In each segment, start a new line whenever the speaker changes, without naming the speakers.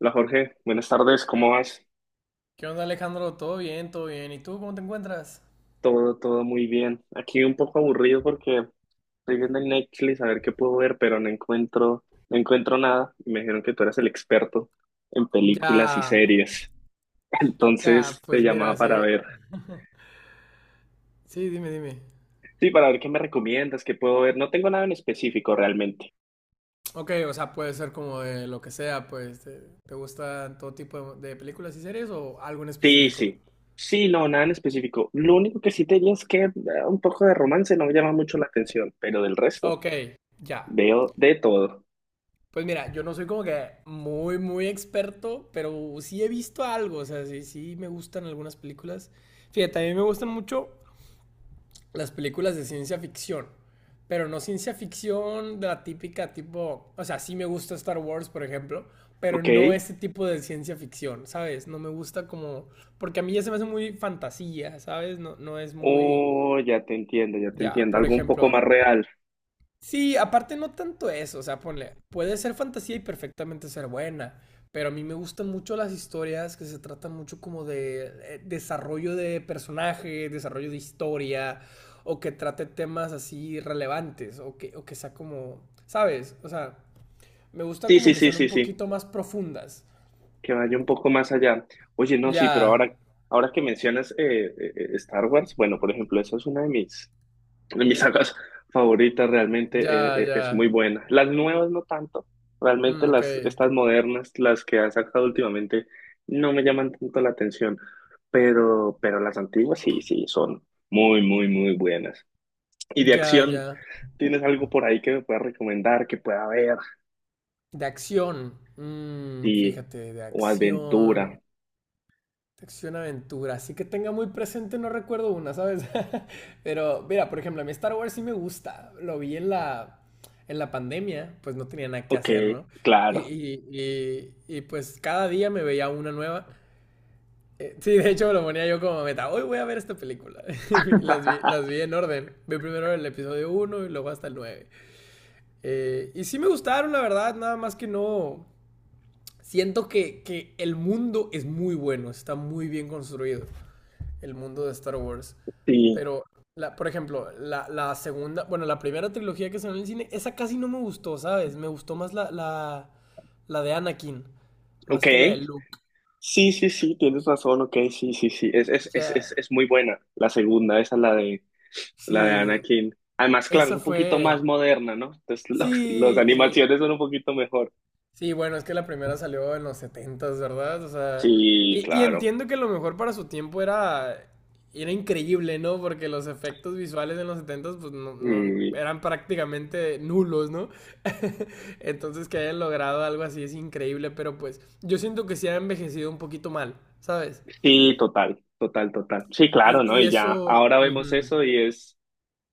Hola Jorge, buenas tardes, ¿cómo vas?
¿Qué onda, Alejandro? ¿Todo bien? ¿Todo bien? ¿Y tú cómo te encuentras?
Todo muy bien. Aquí un poco aburrido porque estoy viendo en Netflix a ver qué puedo ver, pero no encuentro nada. Y me dijeron que tú eras el experto en
Ya,
películas y series.
ya,
Entonces te
pues
llamaba
mira,
para
sí,
ver.
sí, dime, dime.
Sí, para ver qué me recomiendas, qué puedo ver. No tengo nada en específico realmente.
Ok, o sea, puede ser como de lo que sea, pues, ¿te gustan todo tipo de películas y series o algo en
Sí,
específico?
sí. Sí, no, nada en específico. Lo único que sí te diría es que un poco de romance no me llama mucho la atención, pero del resto
Ok, ya.
veo de todo.
Pues mira, yo no soy como que muy, muy experto, pero sí he visto algo, o sea, sí, sí me gustan algunas películas. Fíjate, a mí me gustan mucho las películas de ciencia ficción. Pero no ciencia ficción de la típica tipo, o sea, sí me gusta Star Wars, por ejemplo, pero
Ok.
no ese tipo de ciencia ficción, ¿sabes? No me gusta como, porque a mí ya se me hace muy fantasía, ¿sabes? No, no es muy,
Oh, ya te entiendo, ya te
ya,
entiendo.
por
Algo un poco
ejemplo,
más real.
sí, aparte no tanto eso, o sea, ponle, puede ser fantasía y perfectamente ser buena, pero a mí me gustan mucho las historias que se tratan mucho como de desarrollo de personaje, desarrollo de historia, o que trate temas así relevantes, o que sea como, ¿sabes? O sea, me gusta
Sí,
como
sí,
que
sí,
sean un
sí, sí.
poquito más profundas.
Que vaya un poco más allá. Oye, no, sí, pero
Ya,
ahora que mencionas Star Wars, bueno, por ejemplo, esa es una de mis sagas favoritas, realmente
ya, ya.
es muy buena. Las nuevas no tanto, realmente
Ok.
estas modernas, las que han sacado últimamente, no me llaman tanto la atención, pero las antiguas sí, sí, son muy buenas. Y de
Ya,
acción,
ya.
¿tienes algo por ahí que me puedas recomendar, que pueda ver?
De acción.
Sí,
Fíjate, de
o aventura.
acción. Acción aventura, así que tenga muy presente, no recuerdo una, ¿sabes? Pero mira, por ejemplo, a mí Star Wars sí me gusta, lo vi en la pandemia, pues no tenía nada que
Ok,
hacer, ¿no?
claro.
Pues cada día me veía una nueva. Sí, de hecho me lo ponía yo como meta, hoy voy a ver esta película. Y Las vi, las vi en orden, vi primero el episodio uno y luego hasta el 9. Y sí me gustaron, la verdad, nada más que no... Siento que el mundo es muy bueno, está muy bien construido el mundo de Star Wars.
Sí,
Pero, la, por ejemplo, la segunda, bueno, la primera trilogía que salió en el cine, esa casi no me gustó, ¿sabes? Me gustó más la de Anakin,
ok.
más que la de Luke.
Sí, sí, sí, tienes razón, ok, sí, sí, sí. Es, es, es, es,
Ya,
es muy buena la segunda, esa la de
sí,
Anakin. Además, claro, es
esa
un poquito más
fue...
moderna, ¿no? Entonces, las
Sí, sí,
animaciones son un poquito mejor.
sí, bueno, es que la primera salió en los setentas, ¿verdad? O sea,
Sí,
y
claro.
entiendo que lo mejor para su tiempo era, era increíble, ¿no? Porque los efectos visuales en los 70 pues no,
Sí,
eran prácticamente nulos, ¿no? Entonces que hayan logrado algo así es increíble, pero pues yo siento que sí ha envejecido un poquito mal, ¿sabes?
sí, total. Sí, claro, ¿no? Y ya,
Eso,
ahora vemos
ujú,
eso y es...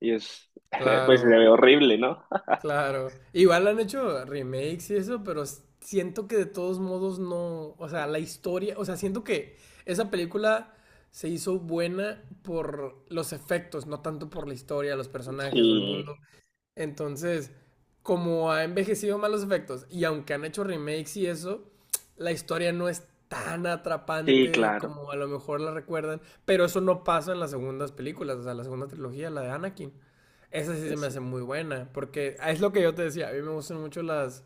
Y es, pues se
claro.
ve horrible, ¿no?
Claro. Igual han hecho remakes y eso, pero siento que de todos modos no. O sea, la historia. O sea, siento que esa película se hizo buena por los efectos, no tanto por la historia, los personajes o el mundo.
Sí,
Entonces, como ha envejecido mal los efectos, y aunque han hecho remakes y eso, la historia no es tan
sí,
atrapante
claro.
como a lo mejor la recuerdan. Pero eso no pasa en las segundas películas, o sea, la segunda trilogía, la de Anakin. Esa sí se me
Ese.
hace muy buena, porque es lo que yo te decía, a mí me gustan mucho las,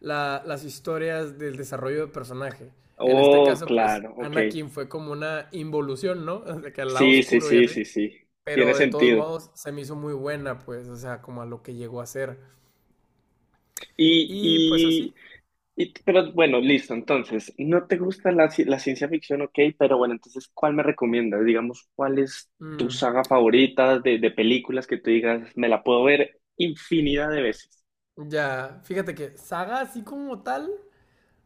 las historias del desarrollo de personaje. En este
Oh,
caso, pues
claro, ok.
Anakin fue como una involución, ¿no? De que al lado
Sí, sí,
oscuro y
sí,
así.
sí, sí. Tiene
Pero de todos
sentido.
modos se me hizo muy buena, pues, o sea, como a lo que llegó a ser.
Y,
Y pues
y,
así.
pero bueno, listo. Entonces, no te gusta la ciencia ficción, ok, pero bueno, entonces, ¿cuál me recomiendas? Digamos, ¿cuál es tu
mm,
saga favorita de películas que tú digas, me la puedo ver infinidad de veces?
ya, fíjate que saga así como tal,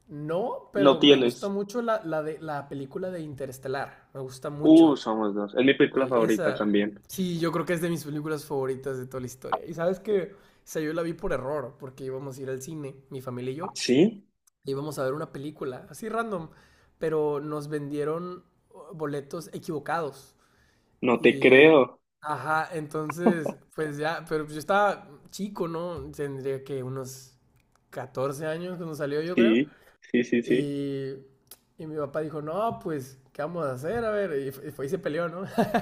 no,
No
pero me gusta
tienes.
mucho la, la de la película de Interestelar. Me gusta mucho.
Somos dos. Es mi película
Sí,
favorita
esa,
también.
sí, yo creo que es de mis películas favoritas de toda la historia. Y sabes que, esa yo la vi por error, porque íbamos a ir al cine, mi familia y
¿Ah,
yo,
sí?
e íbamos a ver una película, así random, pero nos vendieron boletos equivocados.
No te
Y,
creo.
ajá, entonces, pues ya, pero yo estaba chico, ¿no? Tendría que unos 14 años cuando salió, yo creo.
Sí, sí, sí, sí.
Y, mi papá dijo, no, pues, ¿qué vamos a hacer? A ver, y, y se peleó, ¿no?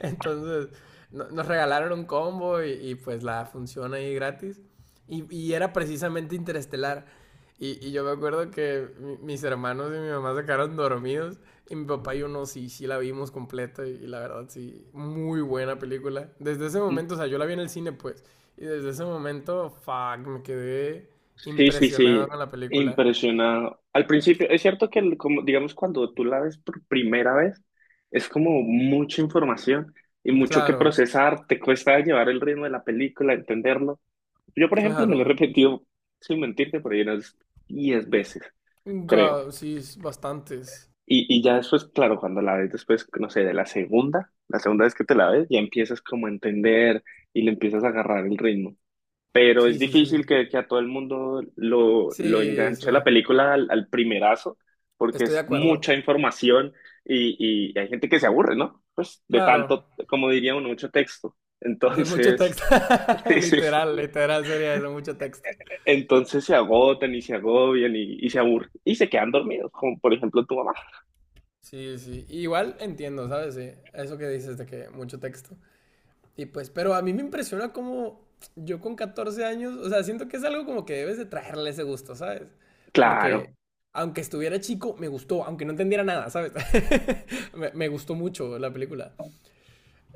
Entonces nos regalaron un combo y, pues la función ahí gratis. Y era precisamente Interestelar. Y yo me acuerdo que mis hermanos y mi mamá se quedaron dormidos. Y mi papá y yo no, sí, sí la vimos completa. Y la verdad, sí, muy buena película. Desde ese momento, o sea, yo la vi en el cine, pues. Y desde ese momento, fuck, me quedé
Sí, sí, sí.
impresionado con la película.
Impresionado. Al principio, es cierto que, como, digamos, cuando tú la ves por primera vez, es como mucha información y mucho que
Claro,
procesar. Te cuesta llevar el ritmo de la película, entenderlo. Yo, por ejemplo, me lo he
claro.
repetido, sin mentirte, por ahí unas 10 veces, creo.
Sí, bastantes.
Y ya después, claro, cuando la ves después, no sé, de la segunda vez que te la ves, ya empiezas como a entender y le empiezas a agarrar el ritmo. Pero es
Sí, sí,
difícil
sí.
que a todo el mundo lo
Sí, sí.
enganche la película al primerazo, porque
Estoy de
es
acuerdo.
mucha información y hay gente que se aburre, ¿no? Pues de
Claro.
tanto, como diría uno, mucho texto.
Hay mucho
Entonces,
texto. Literal, literal sería eso, mucho texto.
entonces se agotan y se agobian y se aburren y se quedan dormidos, como por ejemplo tu mamá.
Sí, sí. Igual entiendo, ¿sabes? Sí. Eso que dices de que mucho texto. Y pues, pero a mí me impresiona cómo yo con 14 años, o sea, siento que es algo como que debes de traerle ese gusto, ¿sabes?
Claro,
Porque aunque estuviera chico, me gustó, aunque no entendiera nada, ¿sabes? Me gustó mucho la película.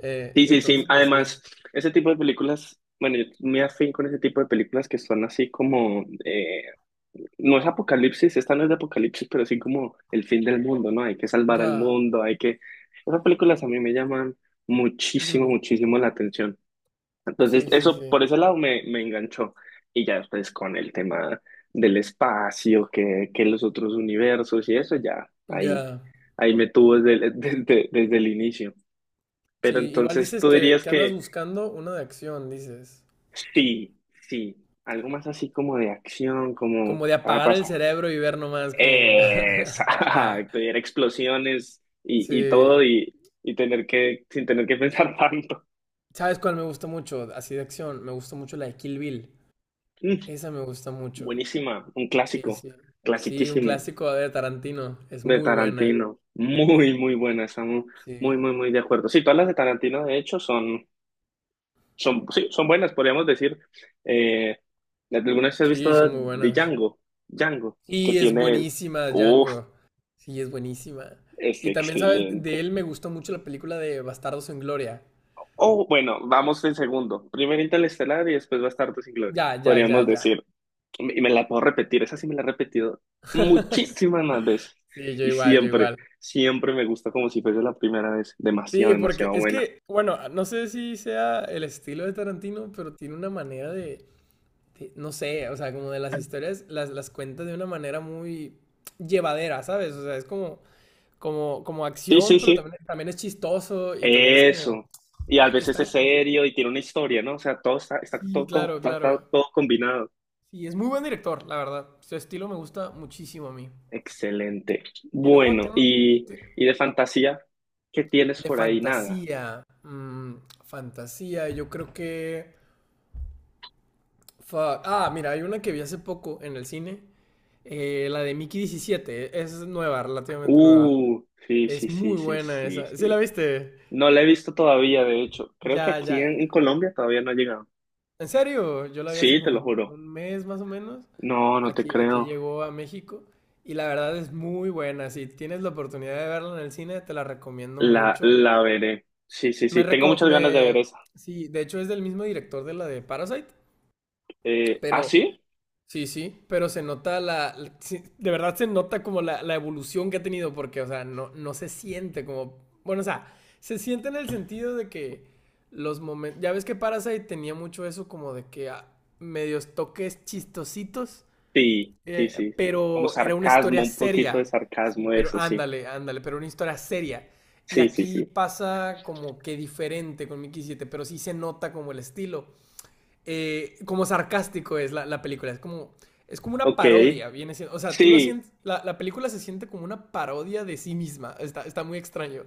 sí,
Y
sí, sí.
entonces, pues sí.
Además, ese tipo de películas, bueno, yo me afín con ese tipo de películas que son así como no es apocalipsis, esta no es de apocalipsis, pero sí como el fin del mundo, ¿no? Hay que salvar al
Ya.
mundo, hay que... Esas películas a mí me llaman muchísimo,
Mm,
muchísimo la atención. Entonces,
sí, sí,
eso
sí.
por ese lado me enganchó. Y ya después con el tema del espacio, que los otros universos y eso, ya ahí,
Ya.
ahí me tuvo desde el inicio.
Sí,
Pero
igual
entonces
dices
tú
que,
dirías
que andas
que
buscando una de acción, dices.
sí, sí, algo más así como de acción, como...
Como de
ah,
apagar el
pasa
cerebro y ver nomás como... Ya,
Exacto, y era explosiones y todo
sí.
y tener que, sin tener que pensar tanto.
¿Sabes cuál me gusta mucho? Así de acción. Me gusta mucho la de Kill Bill.
Mm,
Esa me gusta mucho.
buenísima, un
Sí,
clásico,
sí. Sí, un
clasiquísimo
clásico de Tarantino. Es
de
muy buena.
Tarantino. Muy, muy buena, estamos muy,
Sí.
muy, muy de acuerdo. Sí, todas las de Tarantino, de hecho, sí, son buenas, podríamos decir. Eh, ¿Alguna vez has visto
Sí, son muy
de
buenas.
Django? Django, que
Y es
tiene él.
buenísima,
Uf,
Django. Sí, es buenísima.
es
Y también, ¿sabes? De
excelente.
él me gustó mucho la película de Bastardos en Gloria.
Oh, bueno, vamos en segundo. Primero Interestelar y después Bastardos sin Gloria.
Ya, ya, ya,
Podríamos
ya.
decir, y me la puedo repetir, esa sí me la he repetido muchísimas más veces.
Sí, yo
Y
igual, yo
siempre,
igual.
siempre me gusta como si fuese la primera vez. Demasiado,
Sí, porque
demasiado
es
buena.
que, bueno, no sé si sea el estilo de Tarantino, pero tiene una manera de, no sé, o sea, como de las historias, las cuenta de una manera muy llevadera, ¿sabes? O sea, es como, como, como
Sí, sí,
acción, pero
sí.
también, también es chistoso y también es como,
Eso. Y a
eh,
veces
está,
es
es-
serio y tiene una historia, ¿no? O sea, todo está, está
sí,
todo,
claro,
está
claro.
todo combinado.
Sí, es muy buen director, la verdad. Su estilo me gusta muchísimo a mí.
Excelente.
Y luego
Bueno,
tiene,
y,
ti-
y de fantasía, ¿qué tienes
de
por ahí? Nada.
fantasía, fantasía, yo creo que... Fuck. Ah, mira, hay una que vi hace poco en el cine. La de Mickey 17, es nueva, relativamente nueva.
Sí, sí,
Es
sí,
muy
sí,
buena
sí,
esa. ¿Sí la
sí.
viste?
No la he visto todavía, de hecho. Creo que
Ya,
aquí
ya.
en Colombia todavía no ha llegado.
¿En serio? Yo la vi hace
Sí, te
como
lo juro.
un mes más o menos.
No, no te
Aquí, aquí
creo.
llegó a México. Y la verdad es muy buena. Si tienes la oportunidad de verla en el cine, te la recomiendo mucho.
La veré. Sí, sí,
Me
sí. Tengo
reco-
muchas ganas de ver
me...
esa.
Sí, de hecho es del mismo director de la de Parasite.
¿Ah,
Pero
sí?
sí, sí, pero se nota la, sí, de verdad se nota como la evolución que ha tenido, porque, o sea, no, no se siente como, bueno, o sea, se siente en el sentido de que los momentos, ya ves que Parasite tenía mucho eso como de que ah, medios toques chistositos,
Sí, sí, sí. Como
pero era una
sarcasmo,
historia
un poquito de
seria, sí,
sarcasmo,
pero
eso sí.
ándale, ándale, pero una historia seria. Y
Sí, sí,
aquí
sí.
pasa como que diferente con Mickey 7, pero sí se nota como el estilo como sarcástico es la película. Es como una
Ok.
parodia, viene siendo, o sea, tú lo
Sí.
sientes, la película se siente como una parodia de sí misma. Está, está muy extraño,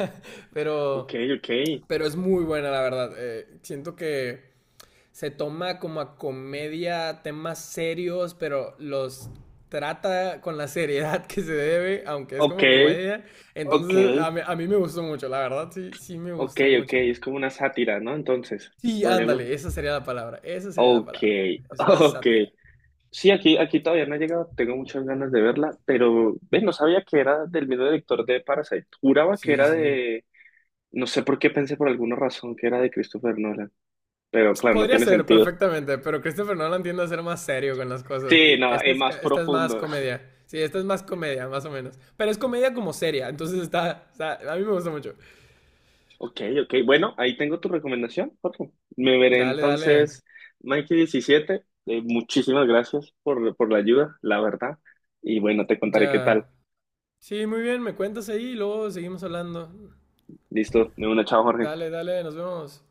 Ok,
pero,
ok.
pero es muy buena, la verdad. Siento que se toma como a comedia temas serios, pero los trata con la seriedad que se debe, aunque es
Ok,
como comedia.
ok.
Entonces, a mí me gustó mucho, la verdad, sí, sí me
Ok,
gustó
ok.
mucho.
Es como una sátira, ¿no? Entonces,
Sí,
podríamos...
ándale, esa sería la palabra. Esa sería la
Ok,
palabra. Es una
ok.
sátira.
Sí, aquí, aquí todavía no he llegado, tengo muchas ganas de verla, pero ves, no sabía que era del mismo director de Parasite. Juraba que
Sí,
era
sí.
de, no sé por qué pensé por alguna razón que era de Christopher Nolan, pero claro, no
Podría
tiene
ser
sentido.
perfectamente, pero Christopher Nolan tiende a ser más serio con las cosas.
Sí, no,
Esta
y
es,
más
esta es más
profundo.
comedia. Sí, esta es más comedia, más o menos. Pero es comedia como seria, entonces está, está- A mí me gusta mucho.
Ok, ok, bueno, ahí tengo tu recomendación, Jorge. Me veré
Dale, dale.
entonces Mikey 17. Muchísimas gracias por la ayuda, la verdad. Y bueno, te contaré qué
Ya.
tal.
Sí, muy bien, me cuentas ahí y luego seguimos hablando.
Listo, de una, chao, Jorge.
Dale, dale, nos vemos.